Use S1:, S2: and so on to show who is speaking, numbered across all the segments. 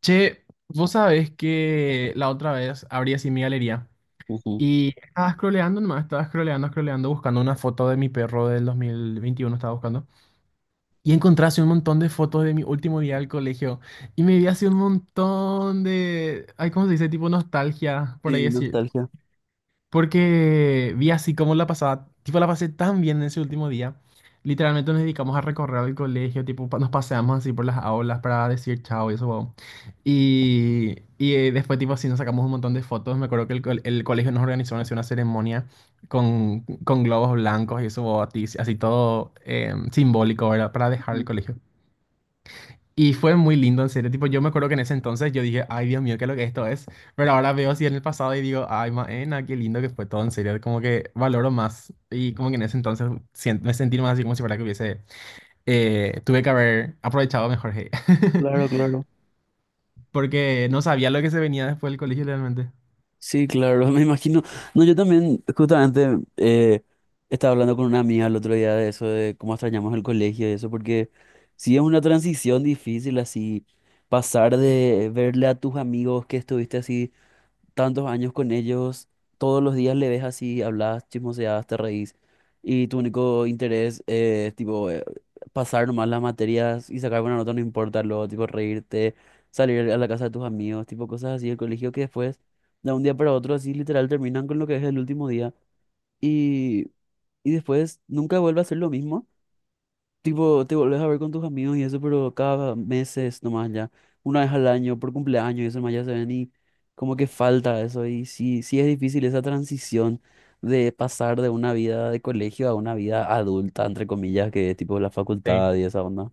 S1: Che, vos sabés que la otra vez abrí así mi galería
S2: Ujú.
S1: y estaba scrolleando nomás, estaba scrolleando, scrolleando, buscando una foto de mi perro del 2021, estaba buscando. Y encontré así un montón de fotos de mi último día del colegio y me vi así un montón de, ay, ¿cómo se dice? Tipo nostalgia, por ahí
S2: Sí,
S1: así,
S2: nostalgia.
S1: porque vi así como la pasaba, tipo la pasé tan bien en ese último día. Literalmente nos dedicamos a recorrer el colegio, tipo nos paseamos así por las aulas para decir chao y eso, wow. Y, después tipo así nos sacamos un montón de fotos. Me acuerdo que el colegio nos organizó así una ceremonia con globos blancos y eso, wow, así todo simbólico, ¿verdad? Para dejar el
S2: Ujú.
S1: colegio. Y fue muy lindo, en serio. Tipo, yo me acuerdo que en ese entonces yo dije, ay, Dios mío, qué es lo que esto es. Pero ahora veo así en el pasado y digo, ay, maena, qué lindo que fue todo, en serio. Como que valoro más. Y como que en ese entonces me sentí más así como si fuera que hubiese, tuve que haber aprovechado mejor, hey.
S2: Claro, claro.
S1: Porque no sabía lo que se venía después del colegio realmente.
S2: Sí, claro, me imagino. No, yo también, justamente, estaba hablando con una amiga el otro día de eso, de cómo extrañamos el colegio y eso, porque sí es una transición difícil así, pasar de verle a tus amigos que estuviste así tantos años con ellos, todos los días le ves así, hablas, chismoseas, te reís, y tu único interés es tipo pasar nomás las materias y sacar buena nota, no importa lo, tipo reírte, salir a la casa de tus amigos, tipo cosas así, el colegio que después, de un día para otro, así literal terminan con lo que es el último día y, y después nunca vuelve a ser lo mismo. Tipo, te volvés a ver con tus amigos y eso, pero cada meses nomás ya, una vez al año, por cumpleaños y eso nomás ya se ven y como que falta eso. Y sí, sí es difícil esa transición de pasar de una vida de colegio a una vida adulta, entre comillas, que es tipo la
S1: Sí.
S2: facultad y esa onda.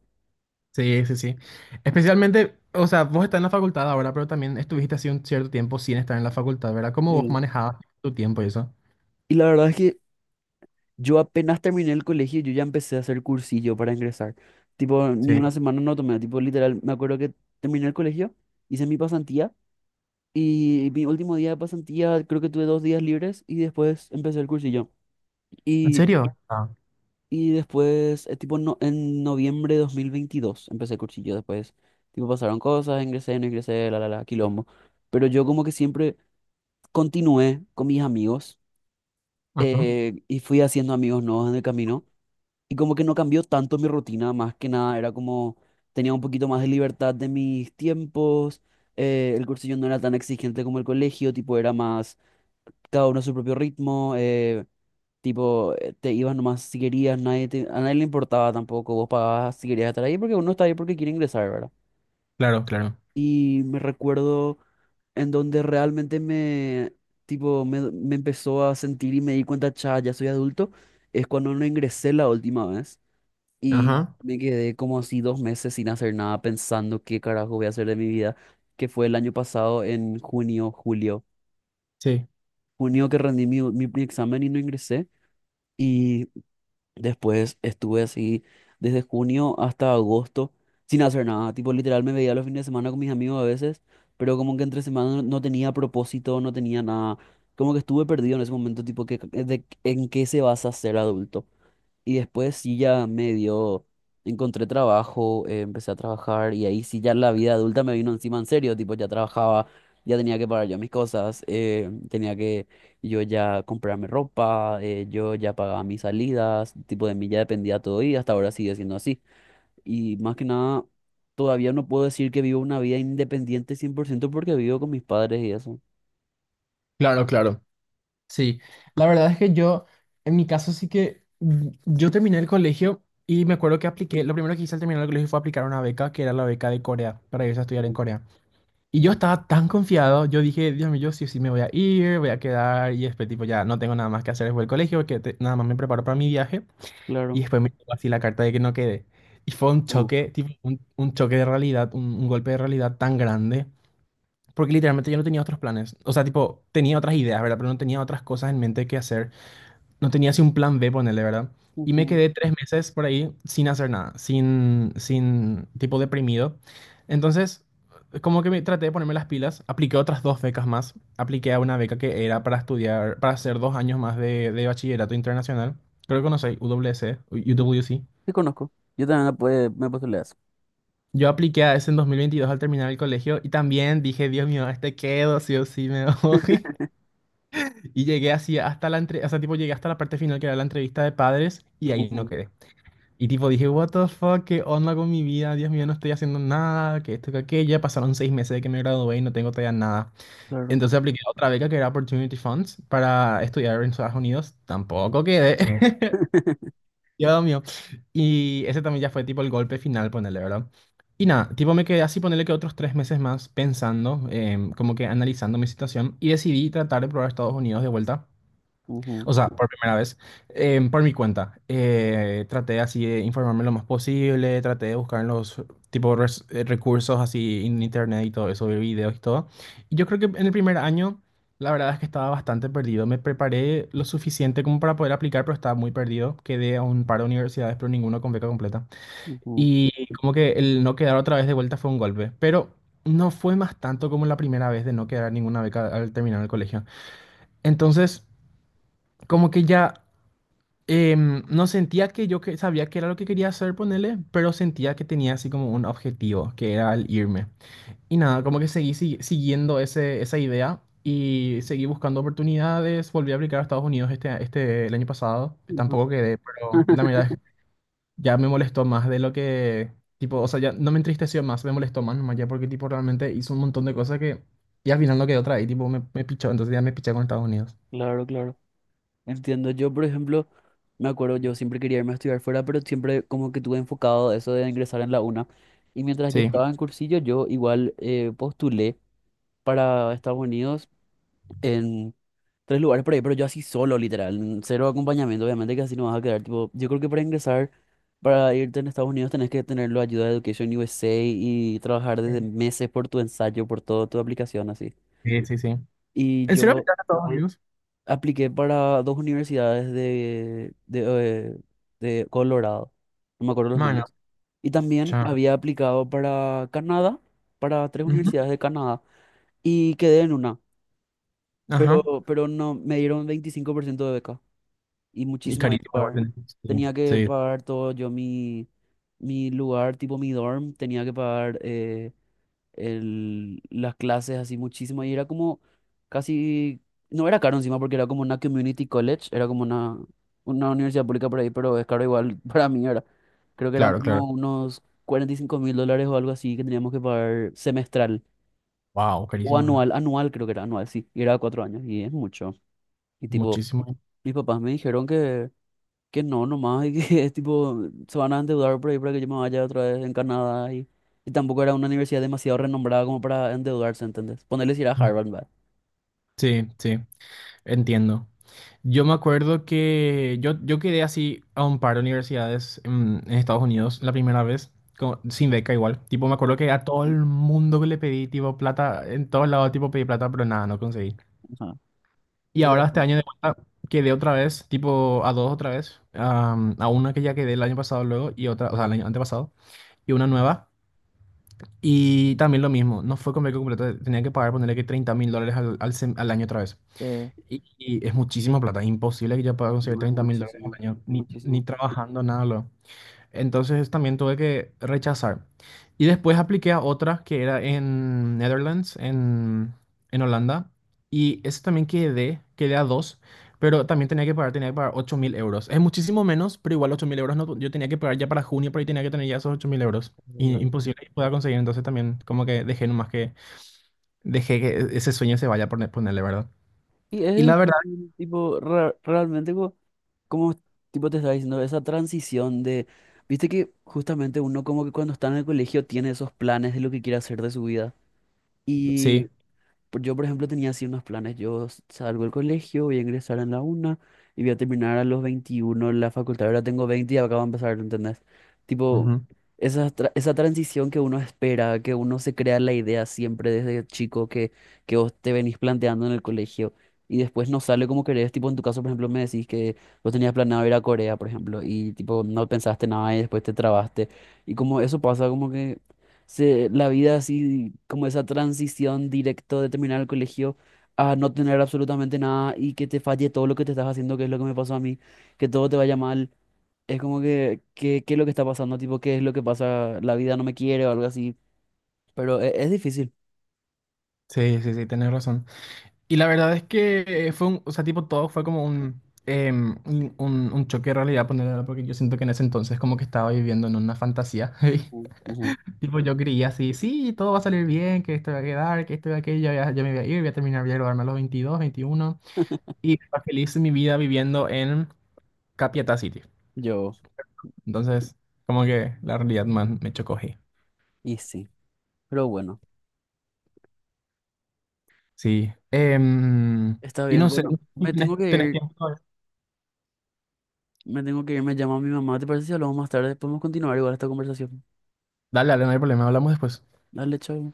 S1: Sí, sí, sí. Especialmente, o sea, vos estás en la facultad ahora, pero también estuviste así un cierto tiempo sin estar en la facultad, ¿verdad? ¿Cómo vos
S2: Sí.
S1: manejabas tu tiempo y eso?
S2: Y la verdad es que yo apenas terminé el colegio, yo ya empecé a hacer cursillo para ingresar. Tipo, ni
S1: Sí.
S2: una semana no tomé, tipo, literal, me acuerdo que terminé el colegio, hice mi pasantía. Y mi último día de pasantía, creo que tuve 2 días libres y después empecé el cursillo.
S1: ¿En
S2: Y,
S1: serio? Ah.
S2: y después, tipo, no, en noviembre de 2022 empecé el cursillo. Después, tipo, pasaron cosas, ingresé, no ingresé, quilombo. Pero yo como que siempre continué con mis amigos
S1: Ajá.
S2: y fui haciendo amigos nuevos en el camino. Y como que no cambió tanto mi rutina, más que nada, era como tenía un poquito más de libertad de mis tiempos. El cursillo no era tan exigente como el colegio, tipo, era más cada uno a su propio ritmo, te ibas nomás si querías, nadie te- a nadie le importaba tampoco, vos pagabas si querías estar ahí porque uno está ahí porque quiere ingresar, ¿verdad?
S1: Claro, claro.
S2: Y me recuerdo en donde realmente me empezó a sentir y me di cuenta, cha, ya soy adulto, es cuando no ingresé la última vez y
S1: Ajá,
S2: me quedé como así 2 meses sin hacer nada pensando qué carajo voy a hacer de mi vida, que fue el año pasado en junio, julio.
S1: sí,
S2: Junio que rendí mi examen y no ingresé. Y después estuve así desde junio hasta agosto sin hacer nada. Tipo, literal me veía los fines de semana con mis amigos a veces, pero como que entre semana no tenía propósito, no tenía nada. Como que estuve perdido en ese momento, tipo, ¿en qué se vas a ser adulto? Y después sí ya me dio, encontré trabajo, empecé a trabajar y ahí sí ya la vida adulta me vino encima en serio, tipo ya trabajaba, ya tenía que pagar yo mis cosas, tenía que yo ya comprarme ropa, yo ya pagaba mis salidas, tipo de mí ya dependía todo y hasta ahora sigue siendo así. Y más que nada, todavía no puedo decir que vivo una vida independiente 100% porque vivo con mis padres y eso.
S1: claro, claro. Sí, la verdad es que yo, en mi caso sí que, yo terminé el colegio y me acuerdo que apliqué, lo primero que hice al terminar el colegio fue aplicar una beca, que era la beca de Corea, para irse a estudiar en
S2: Mm.
S1: Corea. Y yo estaba tan confiado, yo dije, Dios mío, yo sí o sí me voy a ir, voy a quedar, y después tipo ya no tengo nada más que hacer después del colegio, que nada más me preparo para mi viaje, y
S2: Claro.
S1: después me llegó así la carta de que no quedé. Y fue un
S2: Uf.
S1: choque, tipo un choque de realidad, un golpe de realidad tan grande. Porque literalmente yo no tenía otros planes. O sea, tipo, tenía otras ideas, ¿verdad? Pero no tenía otras cosas en mente que hacer. No tenía así un plan B, ponerle, ¿verdad? Y me
S2: Ujú.
S1: quedé 3 meses por ahí sin hacer nada, sin, tipo, deprimido. Entonces, como que me traté de ponerme las pilas, apliqué otras dos becas más. Apliqué a una beca que era para estudiar, para hacer 2 años más de bachillerato internacional. Creo que conocéis, UWC, U W C.
S2: Te conozco. Yo también me puede, me puedo leer eso.
S1: Yo apliqué a ese en 2022 al terminar el colegio y también dije, Dios mío, a este quedo, sí o sí me voy. Y llegué así hasta la entre, o sea, tipo llegué hasta la parte final que era la entrevista de padres y ahí no quedé. Y tipo dije, what the fuck, qué onda con mi vida, Dios mío, no estoy haciendo nada, que esto, que aquello. Ya pasaron 6 meses de que me gradué y no tengo todavía nada.
S2: Claro.
S1: Entonces apliqué a otra beca que era Opportunity Funds para estudiar en Estados Unidos. Tampoco quedé. Dios mío. Y ese también ya fue tipo el golpe final, ponele, ¿verdad? Y nada, tipo me quedé así, ponerle que otros 3 meses más pensando, como que analizando mi situación y decidí tratar de probar Estados Unidos de vuelta.
S2: Ujú,
S1: O sea, por primera vez, por mi cuenta. Traté así de informarme lo más posible, traté de buscar en los tipo recursos así en internet y todo eso, ver videos y todo. Y yo creo que en el primer año, la verdad es que estaba bastante perdido. Me preparé lo suficiente como para poder aplicar, pero estaba muy perdido. Quedé a un par de universidades, pero ninguno con beca completa.
S2: ujú,
S1: Y como que el no quedar otra vez de vuelta fue un golpe. Pero no fue más tanto como la primera vez de no quedar ninguna beca al terminar el colegio. Entonces, como que ya no sentía que yo que sabía que era lo que quería hacer, ponele, pero sentía que tenía así como un objetivo, que era el irme. Y nada, como que seguí siguiendo esa idea y seguí buscando oportunidades. Volví a aplicar a Estados Unidos este, el año pasado.
S2: ujú.
S1: Tampoco quedé, pero la verdad es que ya me molestó más de lo que, tipo, o sea, ya no me entristeció más, me molestó más nomás ya porque, tipo, realmente hizo un montón de cosas que, y al final no quedó otra y, tipo, me pichó, entonces ya me piché con Estados Unidos.
S2: Claro, claro. Entiendo. Yo, por ejemplo, me acuerdo, yo siempre quería irme a estudiar fuera, pero siempre como que tuve enfocado eso de ingresar en la UNA. Y mientras yo
S1: Sí.
S2: estaba en cursillo, yo igual postulé para Estados Unidos en tres lugares por ahí, pero yo así solo, literal, en cero acompañamiento, obviamente que así no vas a quedar. Tipo, yo creo que para ingresar, para irte en Estados Unidos, tenés que tener la ayuda de Education USA y trabajar desde meses por tu ensayo, por toda tu aplicación, así.
S1: Sí, sí, sí.
S2: Y
S1: ¿En serio
S2: yo
S1: aplicaste a Estados Unidos?
S2: apliqué para dos universidades eh, de Colorado, no me acuerdo los nombres. Y también
S1: Chao.
S2: había aplicado para Canadá, para tres
S1: Ujú,
S2: universidades de Canadá, y quedé en una,
S1: ajá.
S2: pero no, me dieron 25% de beca y
S1: Y
S2: muchísimo había que
S1: carísimo
S2: pagar.
S1: igualmente. Sí,
S2: Tenía que
S1: sí,
S2: pagar todo yo, mi lugar, tipo mi dorm, tenía que pagar las clases así muchísimo y era como casi, no era caro encima porque era como una community college, era como una universidad pública por ahí, pero es caro igual para mí era. Creo que eran
S1: claro, claro.
S2: como unos 45.000 dólares o algo así que teníamos que pagar semestral
S1: Wow,
S2: o
S1: carísimo. ¿No?
S2: anual, anual creo que era anual, sí, y era 4 años y es mucho. Y tipo,
S1: Muchísimo.
S2: mis papás me dijeron que... Que no, nomás, y que es tipo, se van a endeudar por ahí para que yo me vaya otra vez en Canadá y tampoco era una universidad demasiado renombrada como para endeudarse, ¿entendés? Ponerles ir a Harvard, ¿verdad?
S1: Sí, sí, entiendo. Yo me acuerdo que yo, quedé así a un par de universidades en Estados Unidos la primera vez, sin beca igual. Tipo, me acuerdo que a todo el mundo que le pedí, tipo, plata, en todos lados, tipo, pedí plata, pero nada, no conseguí.
S2: Ajá.
S1: Y
S2: Porque,
S1: ahora este
S2: bueno,
S1: año de vuelta quedé otra vez, tipo, a dos otra vez, a una que ya quedé el año pasado luego y otra, o sea, el año antepasado, y una nueva. Y también lo mismo, no fue convenio completo, tenía que pagar, ponerle que $30.000 al año otra vez.
S2: eh,
S1: Y es muchísima plata, imposible que yo pueda conseguir
S2: no es
S1: $30.000 al
S2: muchísimo,
S1: año, ni
S2: muchísimo.
S1: trabajando, nada. Entonces también tuve que rechazar. Y después apliqué a otra que era en Netherlands, en Holanda. Y ese también quedé a dos, pero también tenía que pagar 8.000 euros. Es muchísimo menos, pero igual 8.000 € no, yo tenía que pagar ya para junio, por ahí tenía que tener ya esos 8.000 euros.
S2: Claro,
S1: Y
S2: claro.
S1: imposible que pueda conseguir, entonces también como que dejé que ese sueño se vaya por ponerle, ¿verdad?
S2: Y es
S1: Y la verdad,
S2: difícil, tipo, realmente como, tipo te estaba diciendo, esa transición de, viste que justamente uno como que cuando está en el colegio tiene esos planes de lo que quiere hacer de su vida.
S1: sí.
S2: Yo, por ejemplo, tenía así unos planes. Salgo del colegio, voy a ingresar en la una y voy a terminar a los 21 la facultad. Ahora tengo 20 y acabo de empezar, ¿entendés? Tipo,
S1: Ujú,
S2: esa transición que uno espera, que uno se crea la idea siempre desde chico que vos te venís planteando en el colegio y después no sale como querés. Tipo, en tu caso, por ejemplo, me decís que vos tenías planeado ir a Corea, por ejemplo, y tipo, no pensaste nada y después te trabaste. Y como eso pasa, como que la vida así, como esa transición directo de terminar el colegio a no tener absolutamente nada y que te falle todo lo que te estás haciendo, que es lo que me pasó a mí, que todo te vaya mal. Es como que, ¿qué es lo que está pasando? Tipo, ¿qué es lo que pasa? La vida no me quiere o algo así. Pero es difícil.
S1: sí, sí, sí, tenés razón. Y la verdad es que fue un, o sea, tipo, todo fue como un, em, un choque de realidad, ponerlo, porque yo siento que en ese entonces como que estaba viviendo en una fantasía. ¿Sí?
S2: Ujú, ujú.
S1: Tipo, yo creía así, sí, todo va a salir bien, que esto va a quedar, que esto va a aquello, ya me voy a ir, voy a terminar, voy a graduarme a los 22, 21. Y estaba feliz mi vida viviendo en Capiatá City.
S2: Yo,
S1: Entonces, como que la realidad más me chocó ahí.
S2: y sí. Pero bueno,
S1: Sí. Em,
S2: está
S1: y
S2: bien.
S1: no sé,
S2: Bueno, me
S1: ¿tenés,
S2: tengo que
S1: tenés
S2: ir.
S1: tiempo?
S2: Me tengo que ir. Me llama mi mamá. ¿Te parece si hablamos más tarde? Podemos continuar igual esta conversación.
S1: Dale, dale, no hay problema, hablamos después.
S2: Dale, chao.